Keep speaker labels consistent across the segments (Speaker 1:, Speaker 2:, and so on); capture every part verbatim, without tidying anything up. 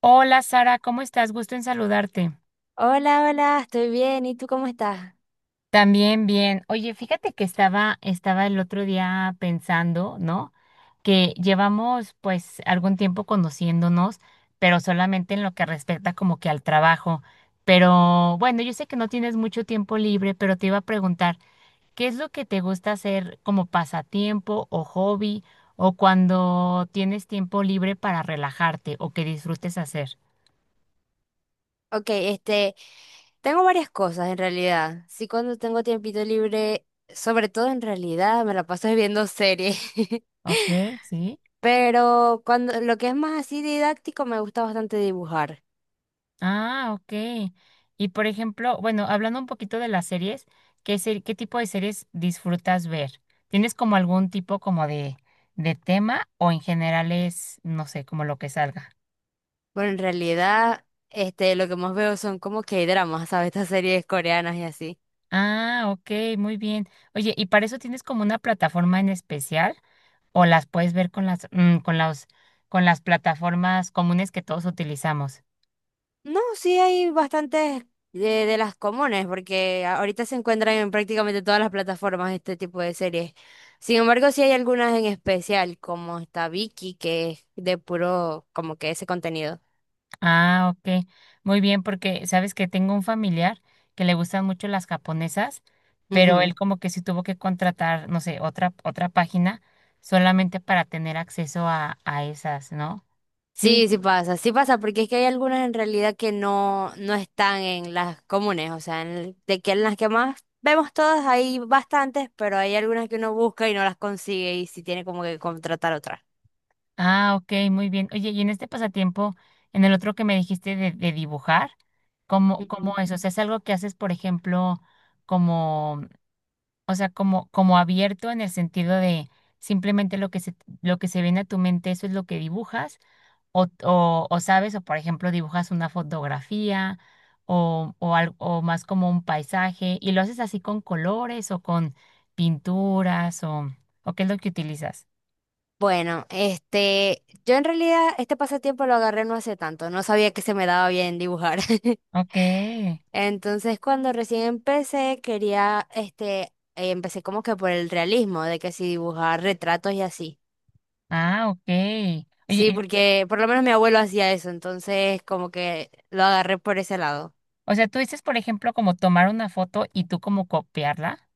Speaker 1: Hola Sara, ¿cómo estás? Gusto en saludarte.
Speaker 2: Hola, hola, estoy bien. ¿Y tú cómo estás?
Speaker 1: También bien. Oye, fíjate que estaba, estaba el otro día pensando, ¿no? Que llevamos pues algún tiempo conociéndonos, pero solamente en lo que respecta como que al trabajo. Pero bueno, yo sé que no tienes mucho tiempo libre, pero te iba a preguntar, ¿qué es lo que te gusta hacer como pasatiempo o hobby o cuando tienes tiempo libre para relajarte o que disfrutes hacer?
Speaker 2: Ok, este, tengo varias cosas en realidad. Sí, cuando tengo tiempito libre, sobre todo en realidad, me la paso viendo series.
Speaker 1: Ok, sí.
Speaker 2: Pero cuando lo que es más así didáctico, me gusta bastante dibujar.
Speaker 1: Ah, ok. Y por ejemplo, bueno, hablando un poquito de las series, ¿qué, ser- qué tipo de series disfrutas ver? ¿Tienes como algún tipo como de, de tema o en general es, no sé, como lo que salga?
Speaker 2: Bueno, en realidad, este, lo que más veo son como que dramas, ¿sabes? Estas series coreanas y así.
Speaker 1: Ah, ok, muy bien. Oye, ¿y para eso tienes como una plataforma en especial o las puedes ver con las, mm, con las, con las plataformas comunes que todos utilizamos?
Speaker 2: No, sí hay bastantes de, de las comunes, porque a- ahorita se encuentran en prácticamente todas las plataformas este tipo de series. Sin embargo, sí hay algunas en especial, como está Vicky, que es de puro, como que ese contenido.
Speaker 1: Ah, ok. Muy bien, porque sabes que tengo un familiar que le gustan mucho las japonesas, pero él
Speaker 2: Ujú.
Speaker 1: como que sí tuvo que contratar, no sé, otra, otra página solamente para tener acceso a, a esas, ¿no? Sí.
Speaker 2: Sí, sí pasa, sí pasa, porque es que hay algunas en realidad que no, no están en las comunes, o sea, en el- de que en las que más vemos todas hay bastantes, pero hay algunas que uno busca y no las consigue y sí tiene como que contratar otras.
Speaker 1: Ah, ok, muy bien. Oye, y en este pasatiempo, en el otro que me dijiste de, de dibujar, ¿cómo, cómo es? O sea, es algo que haces, por ejemplo, como, o sea, como, como abierto en el sentido de simplemente lo que se, lo que se viene a tu mente, eso es lo que dibujas. O, o, o sabes, o por ejemplo, dibujas una fotografía o, o, al- o más como un paisaje y lo haces así con colores o con pinturas o, o qué es lo que utilizas.
Speaker 2: Bueno, este, yo en realidad este pasatiempo lo agarré no hace tanto, no sabía que se me daba bien dibujar.
Speaker 1: Ok,
Speaker 2: Entonces, cuando recién empecé, quería, este, eh, empecé como que por el realismo, de que si dibujar retratos y así.
Speaker 1: ah, ok. Oye,
Speaker 2: Sí,
Speaker 1: y-
Speaker 2: porque por lo menos mi abuelo hacía eso, entonces como que lo agarré por ese lado.
Speaker 1: o sea, tú dices, por ejemplo, como tomar una foto y tú como copiarla.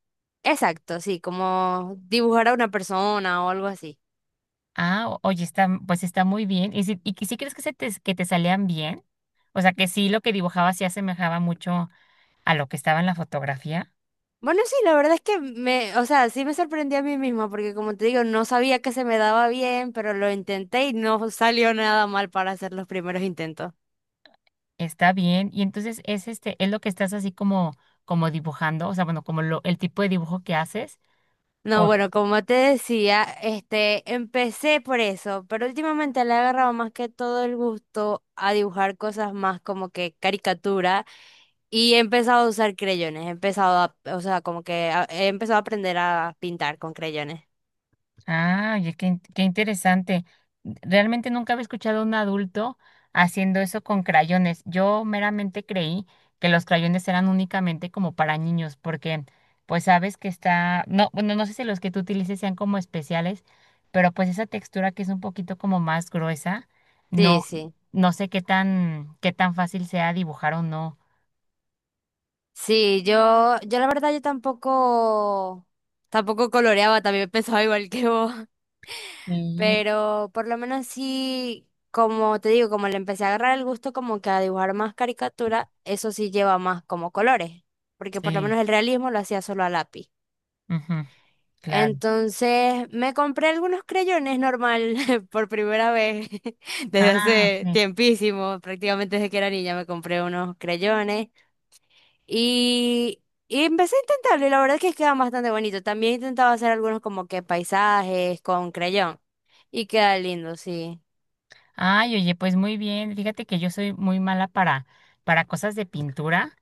Speaker 2: Exacto, sí, como dibujar a una persona o algo así.
Speaker 1: Ah, o- oye, está, pues está muy bien. ¿Y si, y que sí crees que, se te, que te salían bien? O sea, que sí lo que dibujaba sí asemejaba mucho a lo que estaba en la fotografía.
Speaker 2: Bueno, sí, la verdad es que me, o sea, sí me sorprendí a mí misma porque como te digo, no sabía que se me daba bien, pero lo intenté y no salió nada mal para hacer los primeros intentos.
Speaker 1: Está bien. Y entonces es este, es lo que estás así como, como dibujando, o sea, bueno, como lo, el tipo de dibujo que haces.
Speaker 2: No,
Speaker 1: O-
Speaker 2: bueno, como te decía, este, empecé por eso, pero últimamente le he agarrado más que todo el gusto a dibujar cosas más como que caricatura y he empezado a usar creyones, he empezado a, o sea, como que a- he empezado a aprender a pintar con creyones.
Speaker 1: ah, oye, qué, in- qué interesante. Realmente nunca había escuchado a un adulto haciendo eso con crayones. Yo meramente creí que los crayones eran únicamente como para niños, porque pues sabes que está, no, bueno, no sé si los que tú utilices sean como especiales, pero pues esa textura que es un poquito como más gruesa,
Speaker 2: Sí,
Speaker 1: no,
Speaker 2: sí.
Speaker 1: no sé qué tan, qué tan fácil sea dibujar o no.
Speaker 2: Sí, yo, yo la verdad yo tampoco, tampoco coloreaba, también pensaba igual que vos,
Speaker 1: Sí,
Speaker 2: pero por lo menos sí, como te digo, como le empecé a agarrar el gusto como que a dibujar más caricatura, eso sí lleva más como colores, porque por lo
Speaker 1: sí,
Speaker 2: menos el realismo lo hacía solo a lápiz.
Speaker 1: ujú, claro.
Speaker 2: Entonces me compré algunos creyones normal por primera vez desde
Speaker 1: Ah,
Speaker 2: hace
Speaker 1: ok.
Speaker 2: tiempísimo, prácticamente desde que era niña me compré unos creyones. Y, y empecé a intentarlo y la verdad es que queda bastante bonito. También intentaba hacer algunos como que paisajes con creyón y queda lindo, sí.
Speaker 1: Ay, oye, pues muy bien. Fíjate que yo soy muy mala para, para cosas de pintura.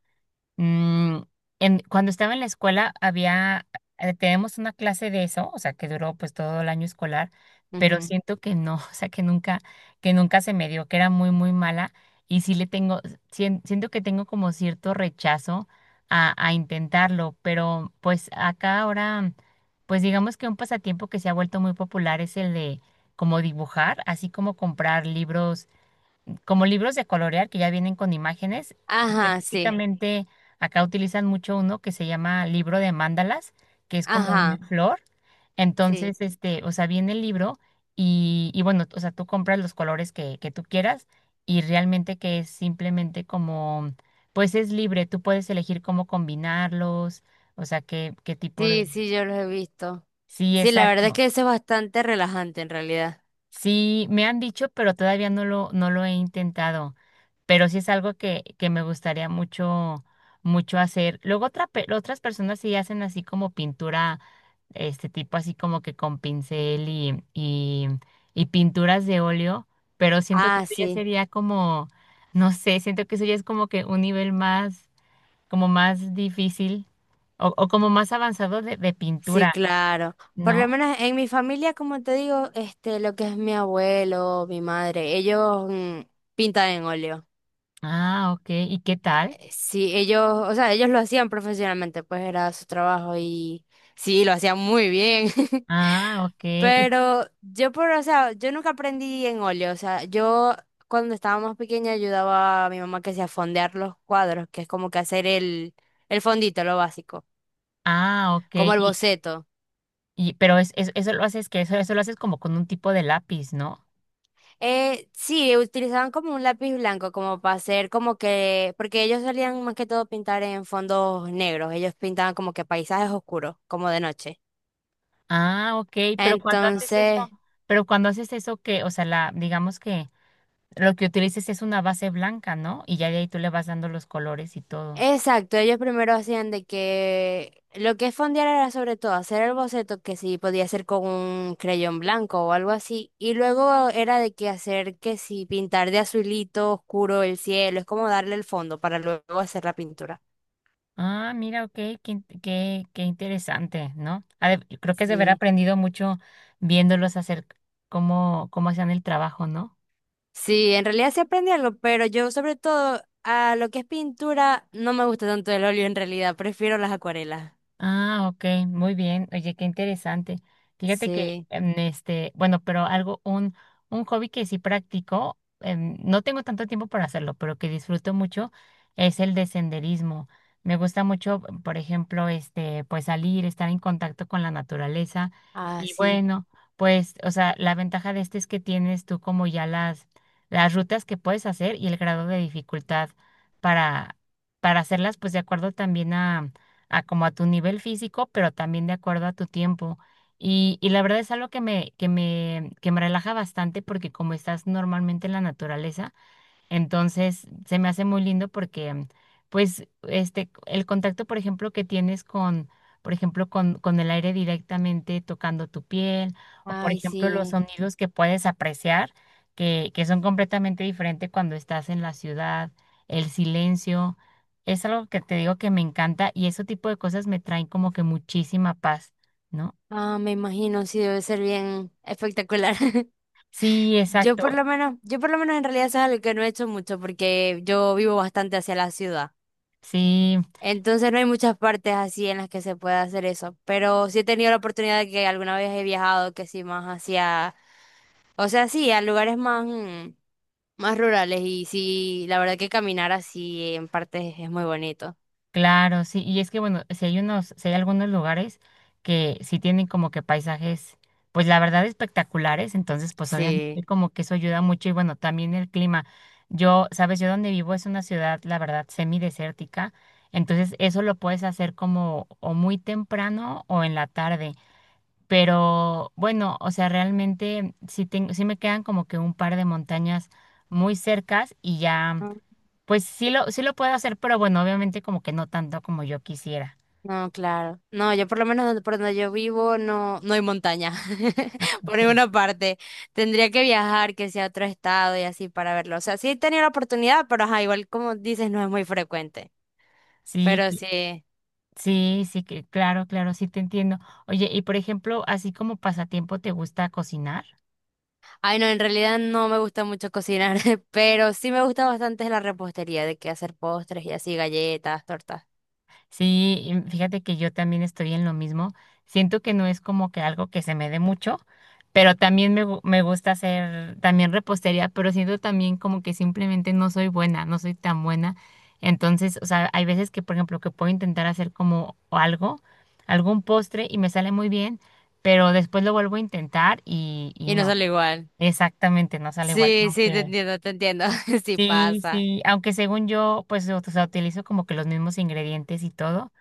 Speaker 1: Mm, en- cuando estaba en la escuela había, eh, tenemos una clase de eso, o sea, que duró pues todo el año escolar, pero
Speaker 2: Ujú.
Speaker 1: siento que no, o sea, que nunca, que nunca se me dio, que era muy, muy mala y sí le tengo, sien- siento que tengo como cierto rechazo a, a intentarlo, pero pues acá ahora, pues digamos que un pasatiempo que se ha vuelto muy popular es el de como dibujar, así como comprar libros como libros de colorear que ya vienen con imágenes.
Speaker 2: Ajá, sí,
Speaker 1: Específicamente acá utilizan mucho uno que se llama libro de mandalas, que es como una
Speaker 2: ajá,
Speaker 1: flor.
Speaker 2: sí,
Speaker 1: Entonces, este, o sea, viene el libro y, y bueno, o sea, tú compras los colores que, que tú quieras y realmente que es simplemente como, pues es libre, tú puedes elegir cómo combinarlos, o sea, qué, qué tipo de...
Speaker 2: sí, sí, yo los he visto.
Speaker 1: Sí,
Speaker 2: Sí, la verdad es
Speaker 1: exacto.
Speaker 2: que eso es bastante relajante en realidad.
Speaker 1: Sí, me han dicho, pero todavía no lo, no lo he intentado. Pero sí es algo que, que me gustaría mucho, mucho hacer. Luego otra, pe- otras personas sí hacen así como pintura, este tipo así como que con pincel y, y, y pinturas de óleo, pero siento que
Speaker 2: Ah,
Speaker 1: eso ya
Speaker 2: sí,
Speaker 1: sería como, no sé, siento que eso ya es como que un nivel más, como más difícil o, o como más avanzado de, de
Speaker 2: sí,
Speaker 1: pintura,
Speaker 2: claro. Por lo
Speaker 1: ¿no?
Speaker 2: menos en mi familia, como te digo, este, lo que es mi abuelo, mi madre, ellos mm, pintan en óleo.
Speaker 1: Ah, ok. ¿Y qué tal?
Speaker 2: Sí, ellos, o sea, ellos lo hacían profesionalmente, pues era su trabajo y sí, lo hacían muy bien.
Speaker 1: Ah, ok.
Speaker 2: Pero yo por, o sea, yo nunca aprendí en óleo, o sea, yo cuando estaba más pequeña ayudaba a mi mamá que sea a fondear los cuadros, que es como que hacer el, el fondito, lo básico,
Speaker 1: Ah, ok.
Speaker 2: como el
Speaker 1: Y,
Speaker 2: boceto.
Speaker 1: y, pero es, es- eso lo haces que eso, eso lo haces como con un tipo de lápiz, ¿no?
Speaker 2: Eh, sí, utilizaban como un lápiz blanco, como para hacer como que, porque ellos solían más que todo pintar en fondos negros, ellos pintaban como que paisajes oscuros, como de noche.
Speaker 1: Ah, ok. Pero cuando haces
Speaker 2: Entonces,
Speaker 1: eso, pero cuando haces eso que, o sea, la, digamos que lo que utilices es una base blanca, ¿no? Y ya de ahí tú le vas dando los colores y todo.
Speaker 2: exacto, ellos primero hacían de que lo que es fondear era sobre todo hacer el boceto que sí podía hacer con un creyón blanco o algo así, y luego era de que hacer que sí pintar de azulito oscuro el cielo, es como darle el fondo para luego hacer la pintura.
Speaker 1: Ah, mira, ok, qué, in- qué, qué interesante, ¿no? Ha de- creo que es de haber
Speaker 2: Sí.
Speaker 1: aprendido mucho viéndolos hacer cómo, cómo hacían el trabajo, ¿no?
Speaker 2: Sí, en realidad sí aprendí algo, pero yo sobre todo a lo que es pintura no me gusta tanto el óleo en realidad, prefiero las acuarelas.
Speaker 1: Ah, ok, muy bien. Oye, qué interesante. Fíjate que,
Speaker 2: Sí,
Speaker 1: em, este, bueno, pero algo, un, un hobby que sí practico, em, no tengo tanto tiempo para hacerlo, pero que disfruto mucho es el de senderismo. Me gusta mucho, por ejemplo, este, pues salir, estar en contacto con la naturaleza.
Speaker 2: ah,
Speaker 1: Y
Speaker 2: sí,
Speaker 1: bueno, pues, o sea, la ventaja de este es que tienes tú como ya las, las rutas que puedes hacer y el grado de dificultad para, para hacerlas, pues de acuerdo también a a como a tu nivel físico, pero también de acuerdo a tu tiempo. Y, y la verdad es algo que me, que me, que me relaja bastante porque como estás normalmente en la naturaleza, entonces, se me hace muy lindo porque, pues, este, el contacto, por ejemplo, que tienes con, por ejemplo, con, con el aire directamente tocando tu piel, o por
Speaker 2: ay,
Speaker 1: ejemplo, los
Speaker 2: sí,
Speaker 1: sonidos que puedes apreciar, que, que son completamente diferentes cuando estás en la ciudad, el silencio, es algo que te digo que me encanta y ese tipo de cosas me traen como que muchísima paz, ¿no?
Speaker 2: ah, me imagino, sí, debe ser bien espectacular.
Speaker 1: Sí,
Speaker 2: Yo por
Speaker 1: exacto.
Speaker 2: lo menos, yo por lo menos en realidad eso es algo que no he hecho mucho porque yo vivo bastante hacia la ciudad.
Speaker 1: Sí.
Speaker 2: Entonces no hay muchas partes así en las que se pueda hacer eso. Pero sí he tenido la oportunidad de que alguna vez he viajado que sí más hacia, o sea, sí, a lugares más, mm, más rurales y sí, la verdad que caminar así en partes es muy bonito.
Speaker 1: Claro, sí, y es que bueno, si hay unos, si hay algunos lugares que sí tienen como que paisajes, pues la verdad espectaculares, entonces pues obviamente
Speaker 2: Sí.
Speaker 1: como que eso ayuda mucho y bueno, también el clima. Yo, sabes, yo donde vivo es una ciudad, la verdad, semidesértica, entonces eso lo puedes hacer como o muy temprano o en la tarde, pero bueno, o sea, realmente sí, tengo, sí me quedan como que un par de montañas muy cercas y ya. Pues sí lo, sí lo puedo hacer, pero bueno, obviamente como que no tanto como yo quisiera.
Speaker 2: No, claro. No, yo por lo menos donde- por donde yo vivo no, no hay montaña.
Speaker 1: Ah,
Speaker 2: Por
Speaker 1: ok.
Speaker 2: ninguna parte. Tendría que viajar, que sea a otro estado y así para verlo. O sea, sí he tenido la oportunidad, pero ajá, igual como dices, no es muy frecuente.
Speaker 1: Sí,
Speaker 2: Pero
Speaker 1: cl-
Speaker 2: sí.
Speaker 1: sí, sí, que claro, claro, sí te entiendo. Oye, y por ejemplo, así como pasatiempo, ¿te gusta cocinar?
Speaker 2: Ay, no, en realidad no me gusta mucho cocinar, pero sí me gusta bastante la repostería, de que hacer postres y así, galletas, tortas.
Speaker 1: Sí, y fíjate que yo también estoy en lo mismo. Siento que no es como que algo que se me dé mucho, pero también me, gu- me gusta hacer también repostería, pero siento también como que simplemente no soy buena, no soy tan buena. Entonces, o sea, hay veces que, por ejemplo, que puedo intentar hacer como algo, algún postre y me sale muy bien, pero después lo vuelvo a intentar y, y
Speaker 2: Y no
Speaker 1: no,
Speaker 2: sale igual.
Speaker 1: exactamente, no sale igual.
Speaker 2: Sí, sí, te
Speaker 1: Aunque,
Speaker 2: entiendo, te entiendo. Sí
Speaker 1: sí,
Speaker 2: pasa.
Speaker 1: sí, aunque según yo, pues, o sea, utilizo como que los mismos ingredientes y todo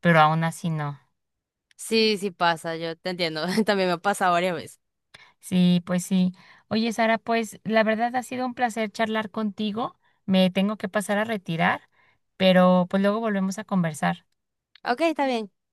Speaker 1: pero aún así no.
Speaker 2: Sí, sí pasa, yo te entiendo. También me pasa varias veces.
Speaker 1: Sí, pues sí. Oye, Sara, pues la verdad ha sido un placer charlar contigo. Me tengo que pasar a retirar, pero pues luego volvemos a conversar.
Speaker 2: Ok, está bien.